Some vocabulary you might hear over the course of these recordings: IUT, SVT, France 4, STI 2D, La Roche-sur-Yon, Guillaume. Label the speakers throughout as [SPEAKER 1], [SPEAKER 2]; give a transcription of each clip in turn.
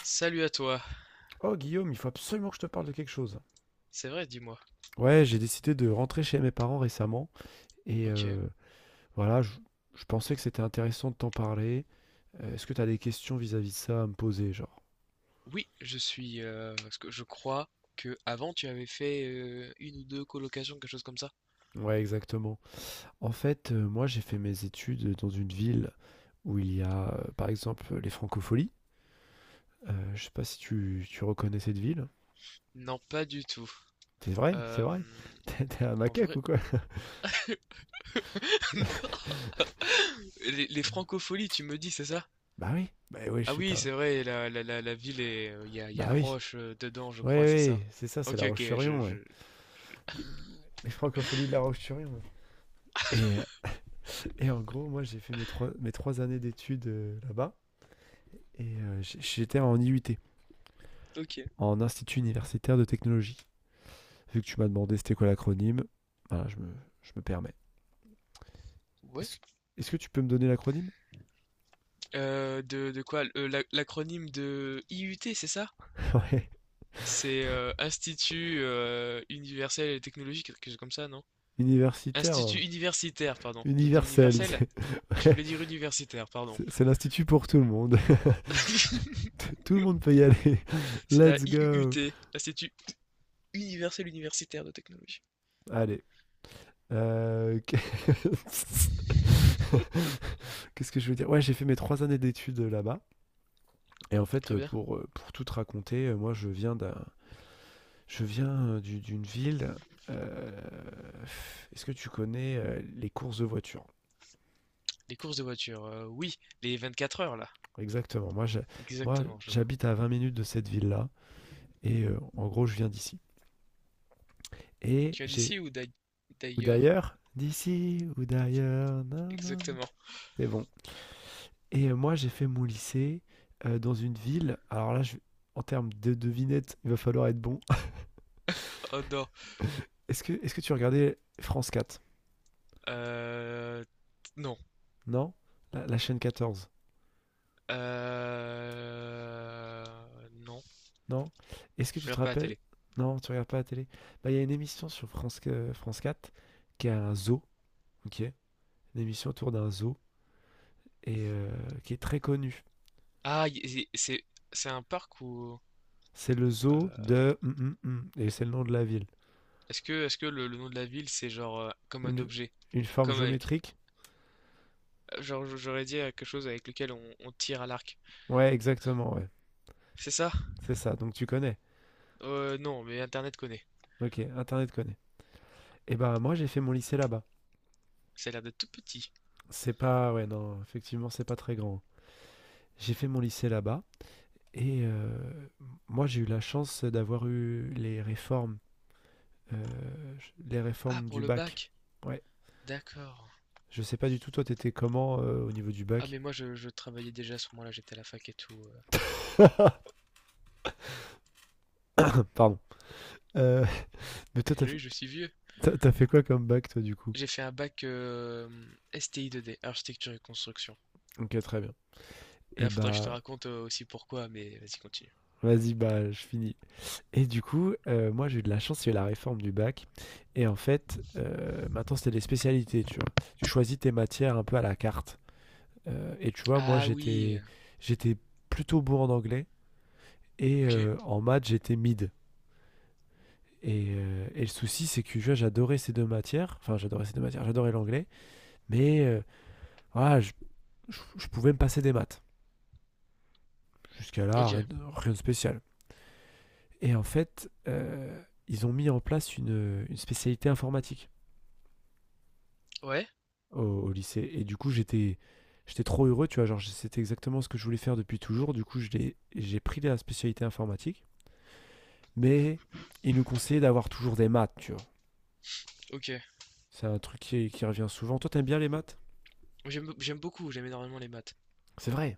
[SPEAKER 1] Salut à toi.
[SPEAKER 2] Oh Guillaume, il faut absolument que je te parle de quelque chose.
[SPEAKER 1] C'est vrai, dis-moi.
[SPEAKER 2] Ouais, j'ai décidé de rentrer chez mes parents récemment et
[SPEAKER 1] Ok.
[SPEAKER 2] voilà, je pensais que c'était intéressant de t'en parler. Est-ce que t'as des questions vis-à-vis de ça à me poser, genre?
[SPEAKER 1] Oui, je suis. Parce que je crois que avant tu avais fait une ou deux colocations, quelque chose comme ça.
[SPEAKER 2] Ouais, exactement. En fait, moi j'ai fait mes études dans une ville où il y a par exemple les francopholies. Je sais pas si tu reconnais cette ville.
[SPEAKER 1] Non, pas du tout.
[SPEAKER 2] C'est vrai, c'est
[SPEAKER 1] Euh,
[SPEAKER 2] vrai. T'es un
[SPEAKER 1] En
[SPEAKER 2] macaque
[SPEAKER 1] vrai,
[SPEAKER 2] ou quoi?
[SPEAKER 1] les francopholies, tu me dis, c'est ça?
[SPEAKER 2] Bah oui, je
[SPEAKER 1] Ah
[SPEAKER 2] suis
[SPEAKER 1] oui,
[SPEAKER 2] un.
[SPEAKER 1] c'est vrai. La ville est. Il y
[SPEAKER 2] Bah
[SPEAKER 1] a
[SPEAKER 2] oui,
[SPEAKER 1] Roche dedans, je
[SPEAKER 2] ouais,
[SPEAKER 1] crois, c'est ça.
[SPEAKER 2] ouais, c'est ça, c'est
[SPEAKER 1] Ok,
[SPEAKER 2] La
[SPEAKER 1] ok.
[SPEAKER 2] Roche-sur-Yon, ouais.
[SPEAKER 1] Je-
[SPEAKER 2] Les francopholies de La Roche-sur-Yon, ouais. Et, et en gros, moi, j'ai fait mes trois années d'études là-bas. Et j'étais en IUT,
[SPEAKER 1] Ok.
[SPEAKER 2] en Institut Universitaire de Technologie. Vu que tu m'as demandé c'était quoi l'acronyme, voilà, je me permets.
[SPEAKER 1] Ouais.
[SPEAKER 2] Est-ce est-ce que tu peux me donner l'acronyme?
[SPEAKER 1] De quoi? L'acronyme de IUT, c'est ça?
[SPEAKER 2] Ouais.
[SPEAKER 1] C'est Institut Universel et Technologique, quelque chose comme ça, non?
[SPEAKER 2] Universitaire,
[SPEAKER 1] Institut universitaire, pardon. J'ai dit
[SPEAKER 2] universel.
[SPEAKER 1] universel?
[SPEAKER 2] C'est
[SPEAKER 1] Je
[SPEAKER 2] ouais,
[SPEAKER 1] voulais dire universitaire, pardon.
[SPEAKER 2] c'est l'institut pour tout le monde. Tout le monde peut y aller.
[SPEAKER 1] C'est la
[SPEAKER 2] Let's go.
[SPEAKER 1] IUUT, l'Institut universel universitaire de technologie.
[SPEAKER 2] Allez. euh, Qu'est-ce que je veux dire? Ouais, j'ai fait mes trois années d'études là-bas. Et en fait,
[SPEAKER 1] Très bien.
[SPEAKER 2] pour tout te raconter, moi, je viens d'une ville. euh, Est-ce que tu connais les courses de voitures?
[SPEAKER 1] Les courses de voiture, oui, les 24 heures là.
[SPEAKER 2] Exactement. Moi,
[SPEAKER 1] Exactement, je vois.
[SPEAKER 2] j'habite à 20 minutes de cette ville-là. Et en gros, je viens d'ici. Et
[SPEAKER 1] Tu as
[SPEAKER 2] j'ai.
[SPEAKER 1] d'ici ou d'ai-
[SPEAKER 2] Ou
[SPEAKER 1] D'ailleurs?
[SPEAKER 2] d'ailleurs. D'ici ou d'ailleurs. Nan, nan, nan.
[SPEAKER 1] Exactement.
[SPEAKER 2] C'est bon. Et moi, j'ai fait mon lycée dans une ville. En termes de devinette, il va falloir être bon.
[SPEAKER 1] Oh non.
[SPEAKER 2] Est-ce que tu regardais France 4?
[SPEAKER 1] Euh, non.
[SPEAKER 2] Non? La chaîne 14.
[SPEAKER 1] Non.
[SPEAKER 2] Non? Est-ce que
[SPEAKER 1] Je
[SPEAKER 2] tu te
[SPEAKER 1] regarde pas la
[SPEAKER 2] rappelles?
[SPEAKER 1] télé.
[SPEAKER 2] Non, tu regardes pas la télé. Bah, il y a une émission sur France quatre qui a un zoo, ok? Une émission autour d'un zoo et qui est très connue.
[SPEAKER 1] Ah, y- y- c'est c'est un parc ou
[SPEAKER 2] C'est le
[SPEAKER 1] euh,
[SPEAKER 2] zoo de et c'est le nom de la ville.
[SPEAKER 1] est-ce que le nom de la ville c'est genre comme un
[SPEAKER 2] Une,
[SPEAKER 1] objet,
[SPEAKER 2] une forme
[SPEAKER 1] comme avec.
[SPEAKER 2] géométrique?
[SPEAKER 1] Genre, j'aurais dit quelque chose avec lequel on tire à l'arc.
[SPEAKER 2] Ouais, exactement, ouais.
[SPEAKER 1] C'est ça?
[SPEAKER 2] C'est ça, donc tu connais.
[SPEAKER 1] Non, mais Internet connaît.
[SPEAKER 2] Ok, Internet connaît. Et bah, moi, j'ai fait mon lycée là-bas.
[SPEAKER 1] Ça a l'air d'être tout petit.
[SPEAKER 2] C'est pas, ouais, non, effectivement, c'est pas très grand. J'ai fait mon lycée là-bas et moi, j'ai eu la chance d'avoir eu euh, les
[SPEAKER 1] Ah,
[SPEAKER 2] réformes
[SPEAKER 1] pour
[SPEAKER 2] du
[SPEAKER 1] le
[SPEAKER 2] bac.
[SPEAKER 1] bac.
[SPEAKER 2] Ouais.
[SPEAKER 1] D'accord.
[SPEAKER 2] Je sais pas du tout, toi, t'étais comment au niveau du
[SPEAKER 1] Ah,
[SPEAKER 2] bac?
[SPEAKER 1] mais moi, je travaillais déjà à ce moment-là, j'étais à la fac et tout.
[SPEAKER 2] Pardon. Euh, mais
[SPEAKER 1] Oui, je suis vieux.
[SPEAKER 2] t'as fait quoi comme bac, toi, du coup?
[SPEAKER 1] J'ai fait un bac STI 2D, architecture et construction.
[SPEAKER 2] Ok, très bien.
[SPEAKER 1] Et
[SPEAKER 2] Et
[SPEAKER 1] là, faudrait que je te
[SPEAKER 2] bah,
[SPEAKER 1] raconte aussi pourquoi, mais vas-y, continue.
[SPEAKER 2] vas-y, bah, je finis. Et du coup, moi, j'ai eu de la chance, il y a eu la réforme du bac. Et en fait, maintenant, c'était des spécialités, tu vois. Tu choisis tes matières un peu à la carte. Et tu vois,
[SPEAKER 1] Ah oui, euh,
[SPEAKER 2] j'étais plutôt bon en anglais. Et
[SPEAKER 1] ok,
[SPEAKER 2] en maths, j'étais mid. Et le souci, c'est que tu vois, j'adorais ces deux matières. Enfin, j'adorais ces deux matières. J'adorais l'anglais. Mais voilà, je pouvais me passer des maths. Jusqu'à là,
[SPEAKER 1] ok,
[SPEAKER 2] rien de spécial. Et en fait, ils ont mis en place une spécialité informatique
[SPEAKER 1] ouais,
[SPEAKER 2] au lycée. Et du coup, j'étais trop heureux. Tu vois, genre, c'était exactement ce que je voulais faire depuis toujours. Du coup, j'ai pris la spécialité informatique. Mais ils nous conseillaient d'avoir toujours des maths, tu vois.
[SPEAKER 1] ok.
[SPEAKER 2] C'est un truc qui revient souvent. Toi, t'aimes bien les maths?
[SPEAKER 1] J'aime beaucoup, j'aime énormément les maths.
[SPEAKER 2] C'est vrai.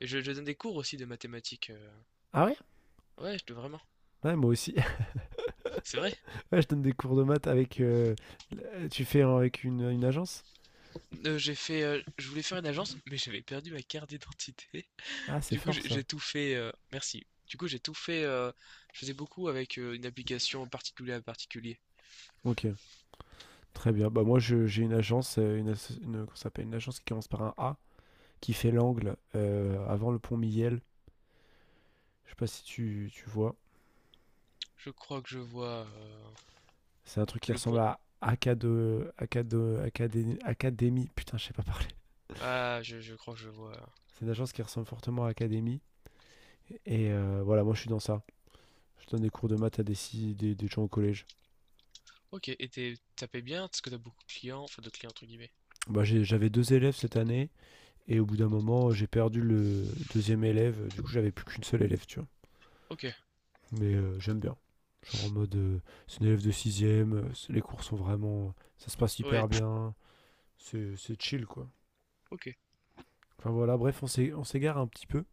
[SPEAKER 1] Et je donne des cours aussi de mathématiques.
[SPEAKER 2] Ah ouais?
[SPEAKER 1] Ouais, vraiment,
[SPEAKER 2] Ouais, moi aussi.
[SPEAKER 1] c'est vrai.
[SPEAKER 2] Ouais, je donne des cours de maths avec. Tu fais avec une agence?
[SPEAKER 1] Je voulais faire une agence, mais j'avais perdu ma carte d'identité.
[SPEAKER 2] Ah, c'est
[SPEAKER 1] Du coup,
[SPEAKER 2] fort ça.
[SPEAKER 1] j'ai tout fait, merci. Du coup, j'ai tout fait, je faisais beaucoup avec, une application particulier à particulier.
[SPEAKER 2] Ok, très bien. Bah moi, j'ai une agence, comment ça s'appelle, une agence qui commence par un A, qui fait l'angle avant le pont Miel. Je sais pas si tu vois.
[SPEAKER 1] Je crois que je vois,
[SPEAKER 2] C'est un truc qui
[SPEAKER 1] le
[SPEAKER 2] ressemble
[SPEAKER 1] pont.
[SPEAKER 2] à Académie. Putain, je sais pas parler.
[SPEAKER 1] Ah, je crois que je vois.
[SPEAKER 2] C'est une agence qui ressemble fortement à Académie. Et voilà, moi, je suis dans ça. Je donne des cours de maths à des, si- des gens au collège.
[SPEAKER 1] Ok, et tu, ça paye bien? Parce que t'as beaucoup de clients? Enfin, de clients entre guillemets.
[SPEAKER 2] Bah, j'avais deux élèves cette année. Et au bout d'un moment, j'ai perdu le deuxième élève. Du coup, j'avais plus qu'une seule élève, tu vois.
[SPEAKER 1] Ok,
[SPEAKER 2] Mais j'aime bien. Genre en mode, c'est une élève de sixième. Les cours sont vraiment, ça se passe
[SPEAKER 1] ouais,
[SPEAKER 2] hyper
[SPEAKER 1] t-
[SPEAKER 2] bien. C'est chill, quoi.
[SPEAKER 1] ok.
[SPEAKER 2] Enfin voilà, bref, on s'égare un petit peu.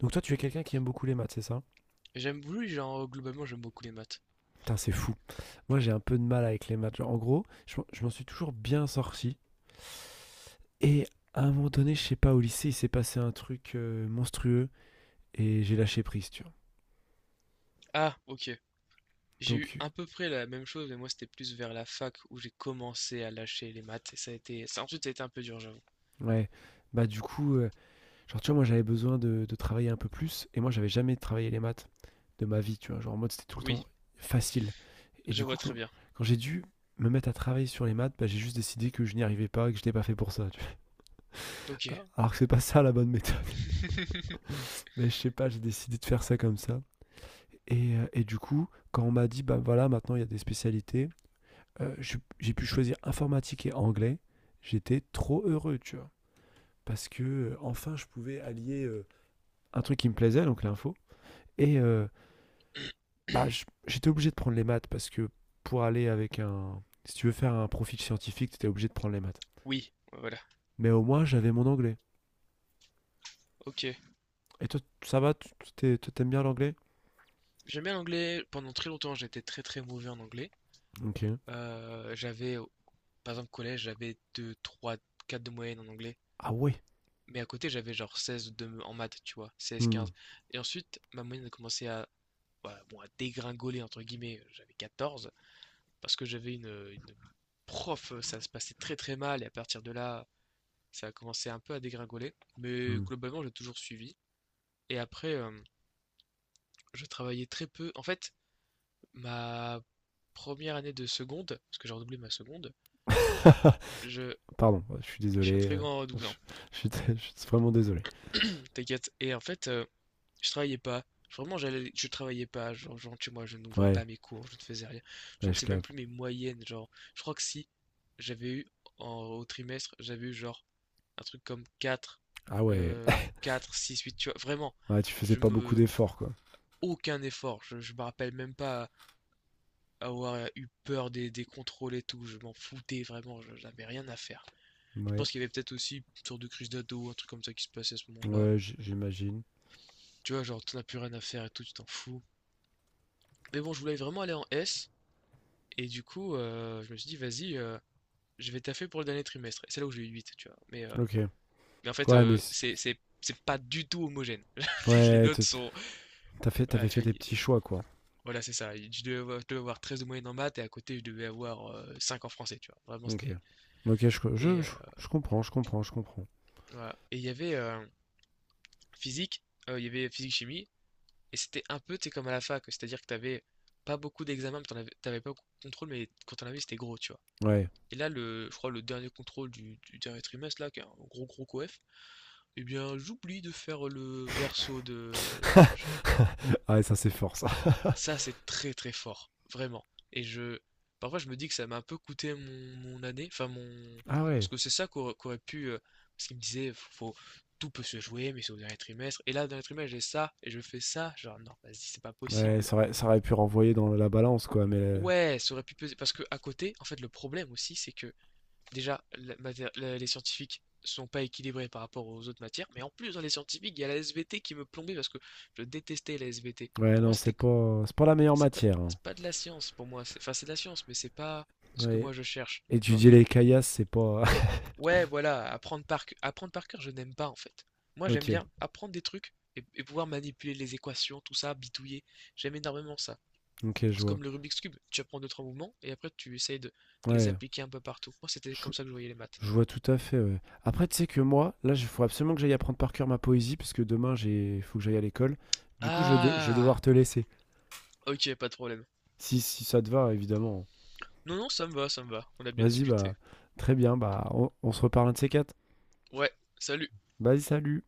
[SPEAKER 2] Donc toi, tu es quelqu'un qui aime beaucoup les maths, c'est ça?
[SPEAKER 1] J'aime, oui, genre, globalement, j'aime beaucoup les maths.
[SPEAKER 2] Putain, c'est fou. Moi, j'ai un peu de mal avec les maths. Genre, en gros, je m'en suis toujours bien sorti. Et à un moment donné, je sais pas, au lycée, il s'est passé un truc monstrueux et j'ai lâché prise, tu vois.
[SPEAKER 1] Ah, ok. J'ai eu
[SPEAKER 2] Donc,
[SPEAKER 1] à peu près la même chose, mais moi, c'était plus vers la fac où j'ai commencé à lâcher les maths et ça a été ça ensuite, ça a été un peu dur, j'avoue.
[SPEAKER 2] ouais, bah, du coup, genre, tu vois, moi, j'avais besoin de travailler un peu plus et moi, j'avais jamais travaillé les maths de ma vie, tu vois? Genre, en mode, c'était tout le
[SPEAKER 1] Oui.
[SPEAKER 2] temps facile et
[SPEAKER 1] Je
[SPEAKER 2] du
[SPEAKER 1] vois
[SPEAKER 2] coup,
[SPEAKER 1] très bien.
[SPEAKER 2] quand j'ai dû me mettre à travailler sur les maths, bah, j'ai juste décidé que je n'y arrivais pas et que je n'étais pas fait pour ça, tu vois?
[SPEAKER 1] Ok.
[SPEAKER 2] Alors que c'est pas ça la bonne méthode, mais je sais pas, j'ai décidé de faire ça comme ça et du coup, quand on m'a dit: «Bah, voilà, maintenant, il y a des spécialités», je j'ai pu choisir informatique et anglais. J'étais trop heureux, tu vois? Parce que, enfin, je pouvais allier, un truc qui me plaisait, donc l'info. Et bah, j'étais obligé de prendre les maths parce que pour aller avec un. Si tu veux faire un profil scientifique, tu étais obligé de prendre les maths.
[SPEAKER 1] Oui, voilà.
[SPEAKER 2] Mais au moins, j'avais mon anglais.
[SPEAKER 1] Ok.
[SPEAKER 2] Et toi, ça va? Toi, t'aimes bien l'anglais?
[SPEAKER 1] J'aime bien l'anglais. Pendant très longtemps, j'étais très très mauvais en anglais.
[SPEAKER 2] Ok.
[SPEAKER 1] Euh, j'avais, Par exemple, collège, j'avais 2, 3, 4 de moyenne en anglais.
[SPEAKER 2] Ah ouais?
[SPEAKER 1] Mais à côté, j'avais genre 16 de, en maths, tu vois. Seize,
[SPEAKER 2] Hmm,
[SPEAKER 1] 15. Et ensuite, ma moyenne a commencé à, voilà, bon, à dégringoler, entre guillemets. J'avais quatorze. Parce que j'avais une prof, ça se passait très très mal. Et à partir de là, ça a commencé un peu à dégringoler. Mais
[SPEAKER 2] hmm.
[SPEAKER 1] globalement, j'ai toujours suivi. Et après, je travaillais très peu. En fait, ma première année de seconde, parce que j'ai redoublé ma seconde, je,
[SPEAKER 2] Pardon, ouais, je suis
[SPEAKER 1] je suis un
[SPEAKER 2] désolé.
[SPEAKER 1] très grand
[SPEAKER 2] Je
[SPEAKER 1] redoublant.
[SPEAKER 2] je suis vraiment désolé.
[SPEAKER 1] T'inquiète. Et en fait, je travaillais pas. Vraiment, je travaillais pas. Genre, tu vois, je n'ouvrais
[SPEAKER 2] Ouais,
[SPEAKER 1] pas mes cours, je ne faisais rien. Je
[SPEAKER 2] ouais,
[SPEAKER 1] ne
[SPEAKER 2] je
[SPEAKER 1] sais même
[SPEAKER 2] capte.
[SPEAKER 1] plus mes moyennes. Genre, je crois que si j'avais eu au trimestre, j'avais eu genre un truc comme 4,
[SPEAKER 2] Ah ouais.
[SPEAKER 1] euh, 4, 6, 8, tu vois. Vraiment,
[SPEAKER 2] Ouais, tu faisais
[SPEAKER 1] je
[SPEAKER 2] pas beaucoup
[SPEAKER 1] me.
[SPEAKER 2] d'efforts, quoi.
[SPEAKER 1] Aucun effort. Je me rappelle même pas avoir eu peur des contrôles et tout. Je m'en foutais vraiment, j'avais rien à faire. Je
[SPEAKER 2] Ouais,
[SPEAKER 1] pense qu'il y avait peut-être aussi une sorte de crise d'ado, un truc comme ça qui se passait à ce moment-là.
[SPEAKER 2] ouais, j'imagine.
[SPEAKER 1] Tu vois, genre, t'en as plus rien à faire et tout, tu t'en fous. Mais bon, je voulais vraiment aller en S, et du coup, je me suis dit, vas-y, je vais taffer pour le dernier trimestre. Et c'est là où j'ai eu huit, tu vois. Mais, euh,
[SPEAKER 2] Ok.
[SPEAKER 1] mais en fait,
[SPEAKER 2] Ouais, mais. c-
[SPEAKER 1] c'est pas du tout homogène. Les
[SPEAKER 2] ouais,
[SPEAKER 1] notes sont. Voilà,
[SPEAKER 2] t'avais fait
[SPEAKER 1] tu vois,
[SPEAKER 2] tes petits choix, quoi.
[SPEAKER 1] voilà, c'est ça. Je devais avoir 13 de moyenne en maths, et à côté, je devais avoir 5 en français, tu vois. Vraiment,
[SPEAKER 2] Ok.
[SPEAKER 1] c'était.
[SPEAKER 2] Ok, je, co- je,
[SPEAKER 1] Et, euh,
[SPEAKER 2] je, je comprends, je comprends, je comprends.
[SPEAKER 1] voilà. Et il y avait, physique, il y avait physique-chimie, et c'était un peu, tu sais, comme à la fac, c'est-à-dire que t'avais pas beaucoup d'examens, mais t'en avais, t'avais pas beaucoup de contrôle, mais quand t'en avais, c'était gros, tu vois.
[SPEAKER 2] Ouais.
[SPEAKER 1] Et là, le, je crois, le dernier contrôle du dernier trimestre, là, qui est un gros gros coef, eh bien, j'oublie de faire le verso de la page.
[SPEAKER 2] ah ouais, ça c'est fort ça.
[SPEAKER 1] Ça, c'est très très fort, vraiment. Et je, Parfois, je me dis que ça m'a un peu coûté mon, mon année, enfin mon,
[SPEAKER 2] Ah ouais.
[SPEAKER 1] parce que c'est ça qu'aurait pu, parce qu'il me disait, faut, tout peut se jouer, mais c'est au dernier trimestre. Et là, au dernier trimestre, j'ai ça et je fais ça, genre non, vas-y, c'est pas
[SPEAKER 2] Ouais,
[SPEAKER 1] possible.
[SPEAKER 2] ça aurait pu renvoyer dans la balance quoi, mais
[SPEAKER 1] Ouais, ça aurait pu peser, parce que à côté, en fait, le problème aussi, c'est que déjà, les scientifiques sont pas équilibrés par rapport aux autres matières, mais en plus dans les scientifiques, il y a la SVT qui me plombait parce que je détestais la SVT.
[SPEAKER 2] ouais
[SPEAKER 1] Pour moi,
[SPEAKER 2] non, c'est pas la meilleure
[SPEAKER 1] c'est pas,
[SPEAKER 2] matière, hein.
[SPEAKER 1] c'est pas de la science pour moi. Enfin, c'est de la science, mais c'est pas ce que
[SPEAKER 2] Ouais.
[SPEAKER 1] moi je cherche, tu vois.
[SPEAKER 2] Étudier les caillasses, c'est pas.
[SPEAKER 1] Ouais, voilà, apprendre par cœur, je n'aime pas en fait. Moi, j'aime
[SPEAKER 2] Ok.
[SPEAKER 1] bien apprendre des trucs et pouvoir manipuler les équations, tout ça, bitouiller. J'aime énormément ça.
[SPEAKER 2] Ok, je
[SPEAKER 1] C'est
[SPEAKER 2] vois.
[SPEAKER 1] comme le Rubik's Cube, tu apprends deux, trois mouvements et après tu essayes de les
[SPEAKER 2] Ouais.
[SPEAKER 1] appliquer un peu partout. Moi, c'était
[SPEAKER 2] Je,
[SPEAKER 1] comme ça que je voyais les maths.
[SPEAKER 2] je vois tout à fait, ouais. Après, tu sais que moi, là, il faut absolument que j'aille apprendre par cœur ma poésie parce que demain j'ai faut que j'aille à l'école. Du coup, je vais
[SPEAKER 1] Ah,
[SPEAKER 2] devoir te laisser.
[SPEAKER 1] ok, pas de problème.
[SPEAKER 2] Si, si ça te va, évidemment.
[SPEAKER 1] Non, non, ça me va, ça me va. On a bien
[SPEAKER 2] Vas-y, bah,
[SPEAKER 1] discuté.
[SPEAKER 2] très bien. Bah, on se reparle un de ces quatre.
[SPEAKER 1] Ouais, salut.
[SPEAKER 2] Vas-y, salut.